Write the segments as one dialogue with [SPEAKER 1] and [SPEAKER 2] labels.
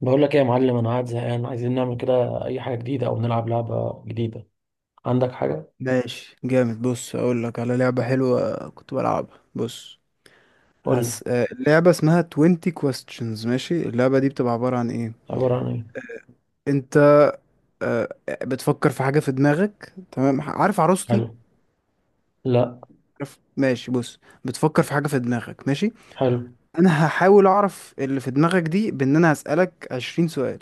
[SPEAKER 1] بقول لك ايه يا معلم، انا قاعد زهقان، عايزين نعمل كده اي حاجه جديده او نلعب لعبه جديده. عندك حاجه؟
[SPEAKER 2] ماشي، جامد. بص، اقول لك على لعبة حلوة كنت بلعبها. بص،
[SPEAKER 1] قول لي.
[SPEAKER 2] اللعبة اسمها 20 questions. ماشي، اللعبة دي بتبقى عبارة عن ايه؟
[SPEAKER 1] عباره عن ايه؟
[SPEAKER 2] انت بتفكر في حاجة في دماغك، تمام؟ عارف عروستي؟
[SPEAKER 1] حلو. لا.
[SPEAKER 2] عارف؟ ماشي، بص. بتفكر في حاجة في دماغك، ماشي.
[SPEAKER 1] حلو.
[SPEAKER 2] انا هحاول اعرف اللي في دماغك دي بان انا هسألك 20 سؤال.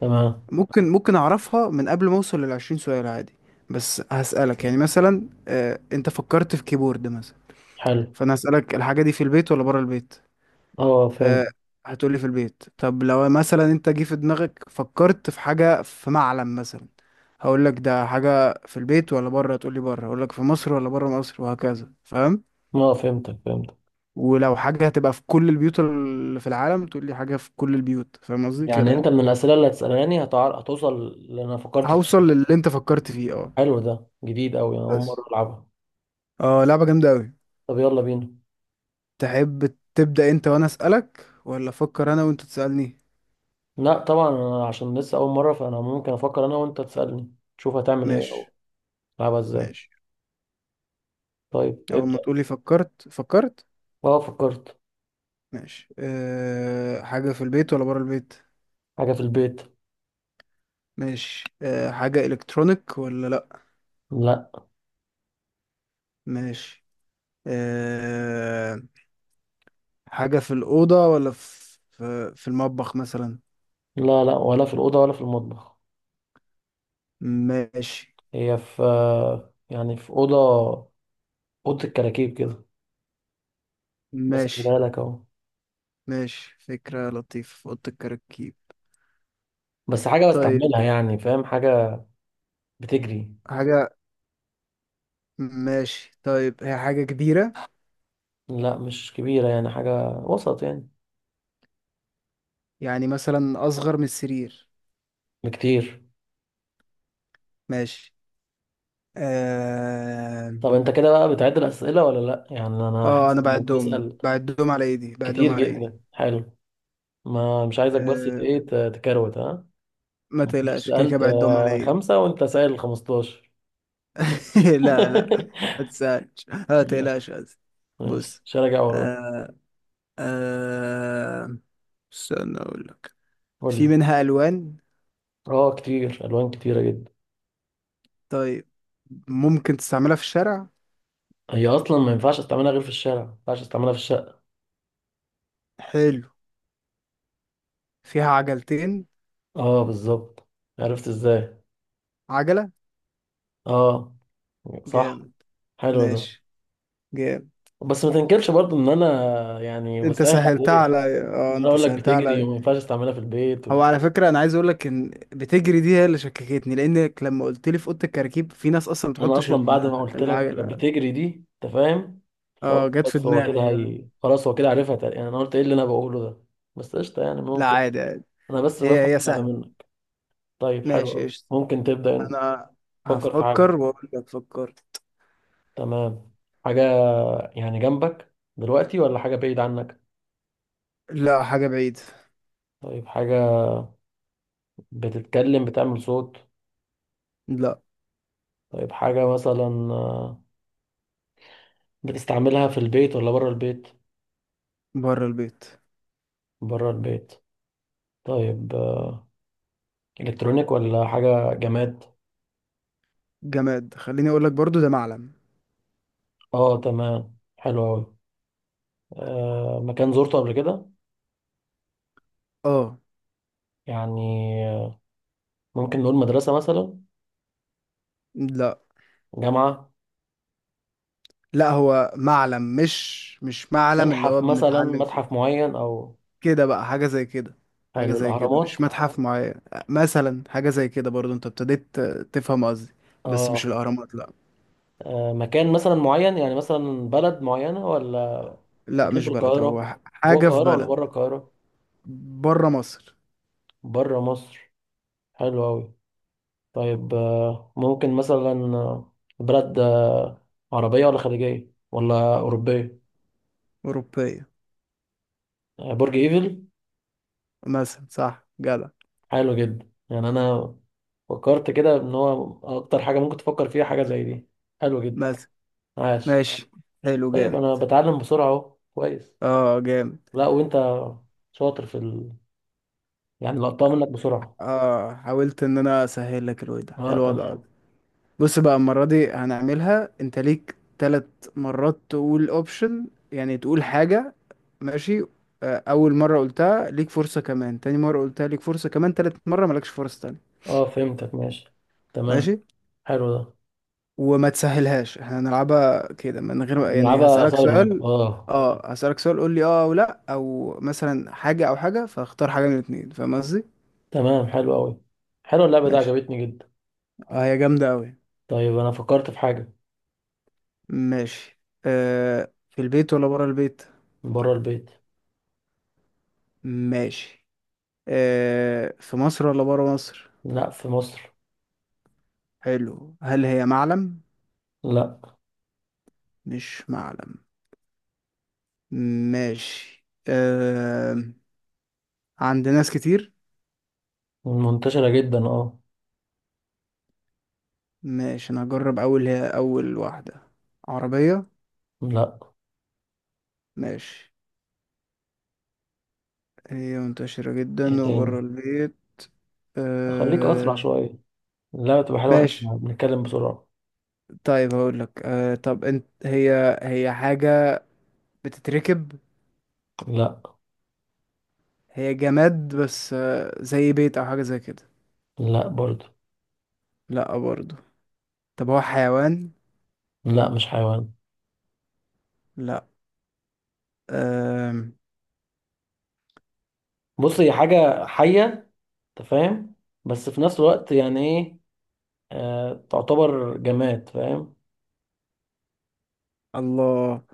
[SPEAKER 1] تمام.
[SPEAKER 2] ممكن اعرفها من قبل ما اوصل لل 20 سؤال، عادي. بس هسألك يعني مثلا، انت فكرت في كيبورد مثلا،
[SPEAKER 1] حلو.
[SPEAKER 2] فانا هسألك الحاجة دي في البيت ولا بره البيت.
[SPEAKER 1] اه فهمت.
[SPEAKER 2] آه، هتقولي في البيت. طب لو مثلا انت جه في دماغك فكرت في حاجة، في معلم مثلا، هقول لك ده حاجة في البيت ولا بره، تقولي بره، هقول لك في مصر ولا بره مصر، وهكذا. فاهم؟
[SPEAKER 1] اه فهمتك.
[SPEAKER 2] ولو حاجة هتبقى في كل البيوت اللي في العالم، تقولي حاجة في كل البيوت. فاهم قصدي
[SPEAKER 1] يعني
[SPEAKER 2] كده
[SPEAKER 1] انت
[SPEAKER 2] يعني؟
[SPEAKER 1] من الاسئله اللي هتسالاني هتوصل اللي انا فكرت فيه؟
[SPEAKER 2] هوصل للي انت فكرت فيه، اه.
[SPEAKER 1] حلو، ده جديد قوي، انا اول
[SPEAKER 2] بس،
[SPEAKER 1] مره العبها.
[SPEAKER 2] اه، لعبة جامدة قوي.
[SPEAKER 1] طب يلا بينا.
[SPEAKER 2] تحب تبدأ انت وانا اسألك، ولا افكر انا وانت تسألني؟
[SPEAKER 1] لا طبعا، انا عشان لسه اول مره فانا ممكن افكر انا وانت تسالني، تشوف هتعمل ايه او
[SPEAKER 2] ماشي،
[SPEAKER 1] تلعبها ازاي.
[SPEAKER 2] ماشي.
[SPEAKER 1] طيب
[SPEAKER 2] اول ما
[SPEAKER 1] ابدا.
[SPEAKER 2] تقولي فكرت فكرت.
[SPEAKER 1] اه فكرت.
[SPEAKER 2] ماشي. حاجة في البيت ولا برا البيت؟
[SPEAKER 1] حاجه في البيت.
[SPEAKER 2] ماشي. حاجة إلكترونيك ولا لأ؟
[SPEAKER 1] لا،
[SPEAKER 2] ماشي. أه حاجة في الأوضة ولا في المطبخ مثلا؟
[SPEAKER 1] لا، لا ولا في الأوضة ولا في المطبخ.
[SPEAKER 2] ماشي.
[SPEAKER 1] هي في، يعني في أوضة، أوضة الكراكيب كده. بس خلي
[SPEAKER 2] ماشي،
[SPEAKER 1] بالك أهو.
[SPEAKER 2] ماشي. فكرة لطيفة في أوضة الكراكيب.
[SPEAKER 1] بس حاجة
[SPEAKER 2] طيب،
[SPEAKER 1] بستعملها، يعني فاهم، حاجة بتجري.
[SPEAKER 2] حاجة. ماشي. طيب، هي حاجة كبيرة؟
[SPEAKER 1] لا مش كبيرة، يعني حاجة وسط يعني.
[SPEAKER 2] يعني مثلا أصغر من السرير؟
[SPEAKER 1] بكتير.
[SPEAKER 2] ماشي. اه.
[SPEAKER 1] طب أنت كده بقى بتعد الأسئلة ولا لأ؟ يعني أنا حاسس
[SPEAKER 2] أنا
[SPEAKER 1] إنك
[SPEAKER 2] بعدهم
[SPEAKER 1] بتسأل
[SPEAKER 2] بعدهم على إيدي، بعدهم
[SPEAKER 1] كتير
[SPEAKER 2] على إيدي.
[SPEAKER 1] جدا، حلو. ما مش عايزك بس
[SPEAKER 2] آه،
[SPEAKER 1] تكروت ها.
[SPEAKER 2] ما
[SPEAKER 1] ما تكونش
[SPEAKER 2] تقلقش، كده كده
[SPEAKER 1] سألت
[SPEAKER 2] بعدهم على ايدي.
[SPEAKER 1] خمسة وأنت سائل 15.
[SPEAKER 2] لا، لا، ما تسألش، ما تقلقش،
[SPEAKER 1] ماشي،
[SPEAKER 2] قصدي.
[SPEAKER 1] ماشي
[SPEAKER 2] بص.
[SPEAKER 1] مش هراجع وراك.
[SPEAKER 2] آه آه استنى اقول لك.
[SPEAKER 1] قول لي.
[SPEAKER 2] في منها الوان؟
[SPEAKER 1] اه كتير، الوان كتيره جدا.
[SPEAKER 2] طيب. ممكن تستعملها في الشارع؟
[SPEAKER 1] هي اصلا ما ينفعش استعملها غير في الشارع، ما ينفعش استعملها في الشقه.
[SPEAKER 2] حلو. فيها عجلتين؟
[SPEAKER 1] اه بالظبط. عرفت ازاي؟
[SPEAKER 2] عجلة؟
[SPEAKER 1] اه. صح.
[SPEAKER 2] جامد.
[SPEAKER 1] حلو ده.
[SPEAKER 2] ماشي، جامد.
[SPEAKER 1] بس ما تنكرش برضو ان انا يعني
[SPEAKER 2] انت
[SPEAKER 1] بسهل
[SPEAKER 2] سهلتها
[SPEAKER 1] عليك.
[SPEAKER 2] على، اه،
[SPEAKER 1] انا
[SPEAKER 2] انت
[SPEAKER 1] اقول لك
[SPEAKER 2] سهلتها
[SPEAKER 1] بتجري
[SPEAKER 2] على.
[SPEAKER 1] وما ينفعش استعملها في البيت
[SPEAKER 2] هو على فكرة انا عايز اقول لك ان بتجري دي هي اللي شككتني، لانك لما قلت لي في اوضة الكراكيب، في ناس اصلا ما
[SPEAKER 1] انا
[SPEAKER 2] بتحطش
[SPEAKER 1] اصلا
[SPEAKER 2] ال-
[SPEAKER 1] بعد ما قلت لك
[SPEAKER 2] العجلة
[SPEAKER 1] بتجري دي انت فاهم، فقلت
[SPEAKER 2] اه، جت في
[SPEAKER 1] بس هو
[SPEAKER 2] دماغي.
[SPEAKER 1] كده، هي خلاص هو كده عارفها يعني انا قلت ايه اللي انا بقوله ده. بس قشطه يعني،
[SPEAKER 2] لا،
[SPEAKER 1] ممكن.
[SPEAKER 2] عادي، عادي.
[SPEAKER 1] انا بس
[SPEAKER 2] هي
[SPEAKER 1] بفهم على
[SPEAKER 2] سهلة.
[SPEAKER 1] منك. طيب حلو
[SPEAKER 2] ماشي،
[SPEAKER 1] قوي،
[SPEAKER 2] قشطة.
[SPEAKER 1] ممكن تبدا انت.
[SPEAKER 2] انا
[SPEAKER 1] فكر في
[SPEAKER 2] هفكر
[SPEAKER 1] حاجه.
[SPEAKER 2] واقول لك فكر.
[SPEAKER 1] تمام. حاجة يعني جنبك دلوقتي ولا حاجة بعيد عنك؟
[SPEAKER 2] لا، حاجة بعيدة.
[SPEAKER 1] طيب حاجة بتتكلم، بتعمل صوت؟
[SPEAKER 2] لا،
[SPEAKER 1] طيب حاجة مثلا بتستعملها في البيت ولا بره البيت؟
[SPEAKER 2] بره البيت.
[SPEAKER 1] بره البيت. طيب إلكترونيك ولا حاجة جماد؟
[SPEAKER 2] جماد، خليني اقول لك برضو، ده معلم.
[SPEAKER 1] اه تمام، حلو أوي. مكان زرته قبل كده؟
[SPEAKER 2] اه.
[SPEAKER 1] يعني آه، ممكن نقول مدرسة مثلا؟
[SPEAKER 2] لا،
[SPEAKER 1] جامعة؟
[SPEAKER 2] لا، هو معلم، مش معلم اللي
[SPEAKER 1] متحف
[SPEAKER 2] هو
[SPEAKER 1] مثلا،
[SPEAKER 2] بنتعلم فيه.
[SPEAKER 1] متحف معين أو.
[SPEAKER 2] كده بقى حاجة زي كده. حاجة
[SPEAKER 1] حلو،
[SPEAKER 2] زي كده،
[SPEAKER 1] الأهرامات.
[SPEAKER 2] مش متحف معين. مثلا حاجة زي كده برضو انت ابتديت تفهم قصدي. بس مش
[SPEAKER 1] اه.
[SPEAKER 2] الأهرامات لا.
[SPEAKER 1] مكان مثلا معين، يعني مثلا بلد معينة ولا؟
[SPEAKER 2] لا،
[SPEAKER 1] مكان
[SPEAKER 2] مش
[SPEAKER 1] في
[SPEAKER 2] بلد،
[SPEAKER 1] القاهرة.
[SPEAKER 2] هو
[SPEAKER 1] جوه
[SPEAKER 2] حاجة في
[SPEAKER 1] القاهرة ولا
[SPEAKER 2] بلد.
[SPEAKER 1] بره القاهرة؟
[SPEAKER 2] بره مصر.
[SPEAKER 1] بره مصر. حلو أوي. طيب ممكن مثلا آه، بلد عربية ولا خليجية ولا أوروبية؟
[SPEAKER 2] أوروبية.
[SPEAKER 1] برج إيفل.
[SPEAKER 2] مثلا، صح، جدع.
[SPEAKER 1] حلو جدا، يعني أنا فكرت كده إن هو أكتر حاجة ممكن تفكر فيها حاجة زي دي. حلو جدا.
[SPEAKER 2] مثلا.
[SPEAKER 1] عاش.
[SPEAKER 2] ماشي، حلو،
[SPEAKER 1] طيب أنا
[SPEAKER 2] جامد.
[SPEAKER 1] بتعلم بسرعة أهو، كويس.
[SPEAKER 2] اه، جامد.
[SPEAKER 1] لا وأنت شاطر في يعني لقطتها منك بسرعة.
[SPEAKER 2] اه، حاولت ان انا اسهل لك الوضع
[SPEAKER 1] اه
[SPEAKER 2] الوضع ده.
[SPEAKER 1] تمام.
[SPEAKER 2] بص بقى، المرة دي هنعملها، انت ليك ثلاث مرات تقول اوبشن، يعني تقول حاجة، ماشي. اول مرة قلتها ليك فرصة كمان، تاني مرة قلتها ليك فرصة كمان، تالت مرة مالكش فرصة تانية.
[SPEAKER 1] اه فهمتك ماشي، تمام.
[SPEAKER 2] ماشي.
[SPEAKER 1] حلو ده.
[SPEAKER 2] وما تسهلهاش، احنا هنلعبها كده من غير، يعني
[SPEAKER 1] نلعبها
[SPEAKER 2] هسألك
[SPEAKER 1] سايلنت
[SPEAKER 2] سؤال.
[SPEAKER 1] اه.
[SPEAKER 2] اه، هسألك سؤال، قول لي اه او لا، او مثلا حاجة او حاجة، فاختار حاجة من الاتنين. فاهم قصدي؟
[SPEAKER 1] تمام، حلو قوي. حلو، اللعبة دي
[SPEAKER 2] ماشي.
[SPEAKER 1] عجبتني جدا.
[SPEAKER 2] اه، هي جامدة اوي.
[SPEAKER 1] طيب انا فكرت في حاجة.
[SPEAKER 2] ماشي. في البيت ولا برا البيت؟
[SPEAKER 1] بره البيت.
[SPEAKER 2] ماشي. في مصر ولا برا مصر؟
[SPEAKER 1] لا في مصر.
[SPEAKER 2] حلو. هل هي معلم؟
[SPEAKER 1] لا.
[SPEAKER 2] مش معلم. ماشي. آه عند ناس كتير؟
[SPEAKER 1] منتشرة جدا اه.
[SPEAKER 2] ماشي، انا هجرب اول. هي اول واحدة، عربية؟
[SPEAKER 1] لا.
[SPEAKER 2] ماشي. هي منتشرة
[SPEAKER 1] ايه
[SPEAKER 2] جدا
[SPEAKER 1] تاني؟
[SPEAKER 2] وبره البيت.
[SPEAKER 1] خليك اسرع
[SPEAKER 2] آه...
[SPEAKER 1] شوية، اللعبة تبقى حلوة، احنا
[SPEAKER 2] ماشي.
[SPEAKER 1] بنتكلم بسرعة.
[SPEAKER 2] طيب، هقول لك، طب انت، هي هي حاجة بتتركب؟
[SPEAKER 1] لا.
[SPEAKER 2] هي جماد، بس زي بيت او حاجة زي كده؟
[SPEAKER 1] لا برضو.
[SPEAKER 2] لا برضو. طب هو حيوان؟
[SPEAKER 1] لا مش حيوان.
[SPEAKER 2] لا. آه...
[SPEAKER 1] بص هي حاجة حية، انت فاهم، بس في نفس الوقت يعني ايه، آه تعتبر جماد فاهم.
[SPEAKER 2] الله،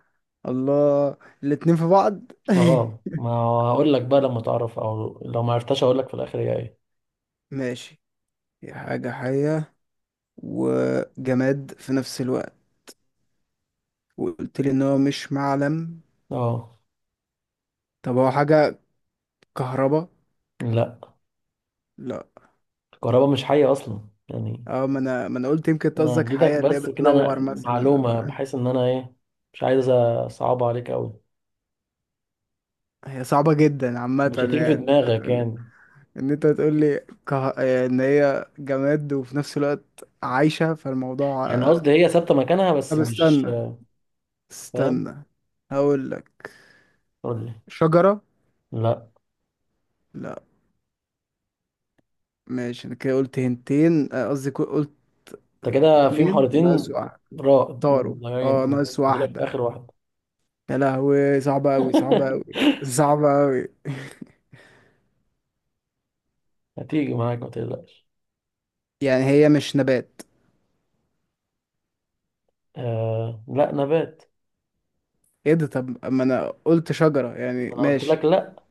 [SPEAKER 2] الله، الاتنين في بعض.
[SPEAKER 1] اه، ما اقول لك بقى لما تعرف، او لو ما عرفتش اقول لك في الاخر هي ايه.
[SPEAKER 2] ماشي، هي حاجة حية وجماد في نفس الوقت، وقلت لي ان هو مش معلم.
[SPEAKER 1] اه.
[SPEAKER 2] طب هو حاجة كهربا؟
[SPEAKER 1] لا.
[SPEAKER 2] لا.
[SPEAKER 1] الكهرباء مش حية اصلا يعني.
[SPEAKER 2] اه، ما انا قلت يمكن أنت
[SPEAKER 1] انا
[SPEAKER 2] قصدك
[SPEAKER 1] اديتك
[SPEAKER 2] حياة اللي هي
[SPEAKER 1] بس كده
[SPEAKER 2] بتنور
[SPEAKER 1] انا
[SPEAKER 2] مثلا
[SPEAKER 1] معلومة
[SPEAKER 2] ولا إيه؟
[SPEAKER 1] بحيث ان انا ايه، مش عايز اصعب عليك قوي.
[SPEAKER 2] هي صعبة جدا عامة
[SPEAKER 1] مش هتيجي في
[SPEAKER 2] يعني، ان انت
[SPEAKER 1] دماغك
[SPEAKER 2] تقول،
[SPEAKER 1] يعني.
[SPEAKER 2] ان انت تقول لي ان هي جماد وفي نفس الوقت عايشة، فالموضوع.
[SPEAKER 1] يعني قصدي هي ثابتة مكانها بس
[SPEAKER 2] طب
[SPEAKER 1] مش
[SPEAKER 2] استنى،
[SPEAKER 1] فاهم.
[SPEAKER 2] استنى، هقول لك.
[SPEAKER 1] قول لي.
[SPEAKER 2] شجرة؟
[SPEAKER 1] لا.
[SPEAKER 2] لا. ماشي، انا كده قلت هنتين، قصدي قلت
[SPEAKER 1] انت كده في
[SPEAKER 2] اتنين، ناقص
[SPEAKER 1] محاولتين.
[SPEAKER 2] واحد.
[SPEAKER 1] را
[SPEAKER 2] طاروا.
[SPEAKER 1] ضايعين
[SPEAKER 2] اه،
[SPEAKER 1] أوي.
[SPEAKER 2] ناقص
[SPEAKER 1] فاضلك
[SPEAKER 2] واحدة.
[SPEAKER 1] اخر واحد.
[SPEAKER 2] يا لهوي، صعبة اوي، صعبة اوي، صعبة اوي.
[SPEAKER 1] هتيجي معاك ما تقلقش.
[SPEAKER 2] يعني هي مش نبات؟
[SPEAKER 1] آه لا، نبات.
[SPEAKER 2] ايه ده، طب ما انا قلت شجرة
[SPEAKER 1] ما
[SPEAKER 2] يعني
[SPEAKER 1] انا قلت
[SPEAKER 2] ماشي.
[SPEAKER 1] لك لا.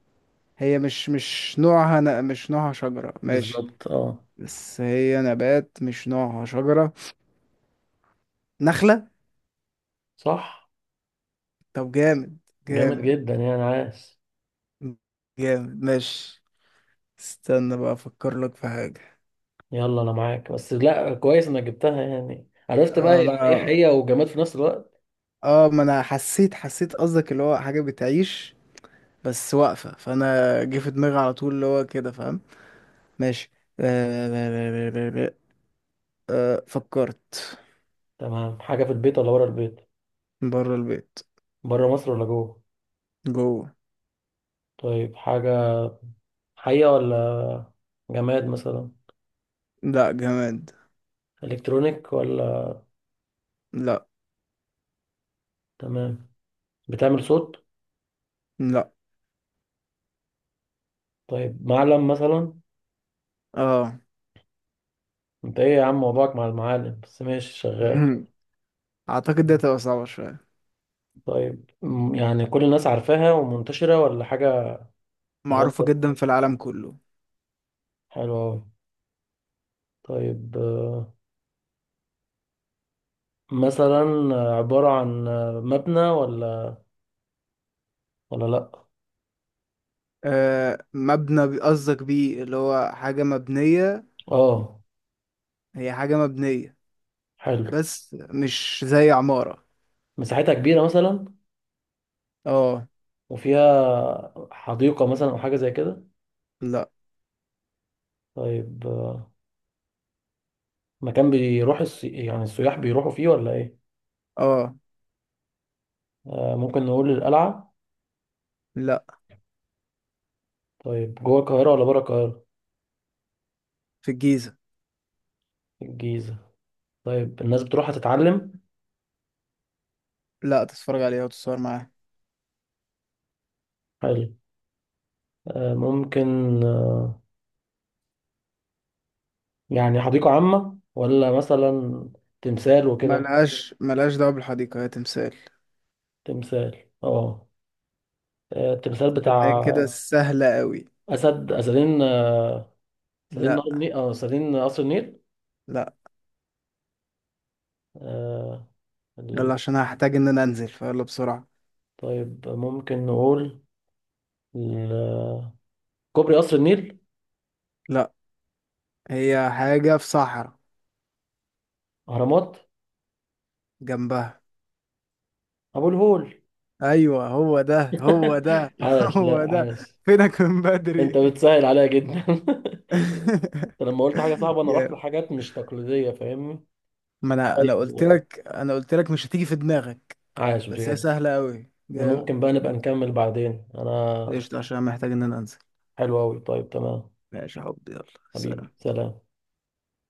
[SPEAKER 2] هي مش نوعها مش نوعها شجرة، ماشي.
[SPEAKER 1] بالظبط اه.
[SPEAKER 2] بس هي نبات مش نوعها شجرة، نخلة؟
[SPEAKER 1] صح.
[SPEAKER 2] طب جامد،
[SPEAKER 1] جامد
[SPEAKER 2] جامد،
[SPEAKER 1] جدا يعني عاس.
[SPEAKER 2] جامد. ماشي، استنى بقى افكر لك في حاجة.
[SPEAKER 1] يلا انا معاك، بس لا كويس انك جبتها، يعني عرفت بقى يعني ايه
[SPEAKER 2] انا،
[SPEAKER 1] حقيقة وجماد في نفس الوقت.
[SPEAKER 2] اه، ما انا حسيت، حسيت قصدك اللي هو حاجة بتعيش بس واقفة، فانا جه في دماغي على طول اللي هو كده. فاهم؟ ماشي. آه... فكرت.
[SPEAKER 1] تمام. حاجة في البيت ولا بره البيت؟
[SPEAKER 2] بره البيت.
[SPEAKER 1] بره مصر ولا جوه؟
[SPEAKER 2] جوه.
[SPEAKER 1] طيب حاجة، حقيقة ولا جماد مثلا؟
[SPEAKER 2] لا، جماد.
[SPEAKER 1] الكترونيك ولا؟
[SPEAKER 2] لا.
[SPEAKER 1] تمام. بتعمل صوت؟
[SPEAKER 2] لا.
[SPEAKER 1] طيب معلم مثلا؟
[SPEAKER 2] اه.
[SPEAKER 1] انت ايه يا عم موضوعك مع المعالم، بس ماشي شغال.
[SPEAKER 2] مهم. اعتقد دي هتبقى صعبة شوية.
[SPEAKER 1] طيب يعني كل الناس عارفاها ومنتشرة ولا حاجة؟
[SPEAKER 2] معروفة
[SPEAKER 1] غامضة.
[SPEAKER 2] جدا في العالم كله.
[SPEAKER 1] حلوة أوي. طيب، مثلا عبارة عن مبنى ولا، ولا لأ؟
[SPEAKER 2] مبنى، قصدك بيه، اللي هو حاجة مبنية؟
[SPEAKER 1] اه.
[SPEAKER 2] هي حاجة مبنية،
[SPEAKER 1] حلو.
[SPEAKER 2] بس مش زي عمارة.
[SPEAKER 1] مساحتها كبيرة مثلا؟
[SPEAKER 2] اه.
[SPEAKER 1] وفيها حديقة مثلا أو حاجة زي كده؟
[SPEAKER 2] لا.
[SPEAKER 1] طيب مكان بيروح يعني السياح بيروحوا فيه ولا إيه؟
[SPEAKER 2] اه.
[SPEAKER 1] ممكن نقول القلعة.
[SPEAKER 2] لا.
[SPEAKER 1] طيب جوه القاهرة ولا بره القاهرة؟
[SPEAKER 2] في الجيزة.
[SPEAKER 1] الجيزة. طيب الناس بتروح تتعلم.
[SPEAKER 2] لا، تتفرج عليها وتتصور معاها.
[SPEAKER 1] حلو. ممكن آه، يعني حديقة عامة ولا مثلا تمثال وكده؟
[SPEAKER 2] ملهاش دعوة بالحديقة، هي تمثال.
[SPEAKER 1] تمثال اه. التمثال
[SPEAKER 2] خدناها كده
[SPEAKER 1] بتاع
[SPEAKER 2] سهلة قوي.
[SPEAKER 1] اسدين، اسدين
[SPEAKER 2] لا.
[SPEAKER 1] نهر النيل اه اسدين قصر النيل.
[SPEAKER 2] لا.
[SPEAKER 1] آه. ال-
[SPEAKER 2] يلا، عشان هحتاج ان انا انزل فيلا بسرعة.
[SPEAKER 1] طيب ممكن نقول ال- كوبري قصر النيل.
[SPEAKER 2] لا. هي حاجة في صحراء،
[SPEAKER 1] اهرامات.
[SPEAKER 2] جنبها.
[SPEAKER 1] ابو الهول.
[SPEAKER 2] ايوه، هو ده، هو ده!
[SPEAKER 1] عاش، لا
[SPEAKER 2] هو ده.
[SPEAKER 1] عاش.
[SPEAKER 2] فينك من
[SPEAKER 1] انت
[SPEAKER 2] بدري؟
[SPEAKER 1] بتسهل عليا جدا. انت لما قلت حاجه صعبه انا رحت
[SPEAKER 2] جامد.
[SPEAKER 1] لحاجات مش تقليديه، فاهمني.
[SPEAKER 2] ما انا
[SPEAKER 1] طيب
[SPEAKER 2] قلت لك، انا قلت لك، مش هتيجي في دماغك.
[SPEAKER 1] عاش
[SPEAKER 2] بس هي
[SPEAKER 1] بجد.
[SPEAKER 2] سهله قوي. جامد.
[SPEAKER 1] ممكن بقى نبقى نكمل بعدين، انا.
[SPEAKER 2] قشطه، عشان محتاج ان انا انزل.
[SPEAKER 1] حلو قوي، طيب تمام.
[SPEAKER 2] ماشي يا حبيبي، يلا.
[SPEAKER 1] حبيبي
[SPEAKER 2] سلام.
[SPEAKER 1] سلام.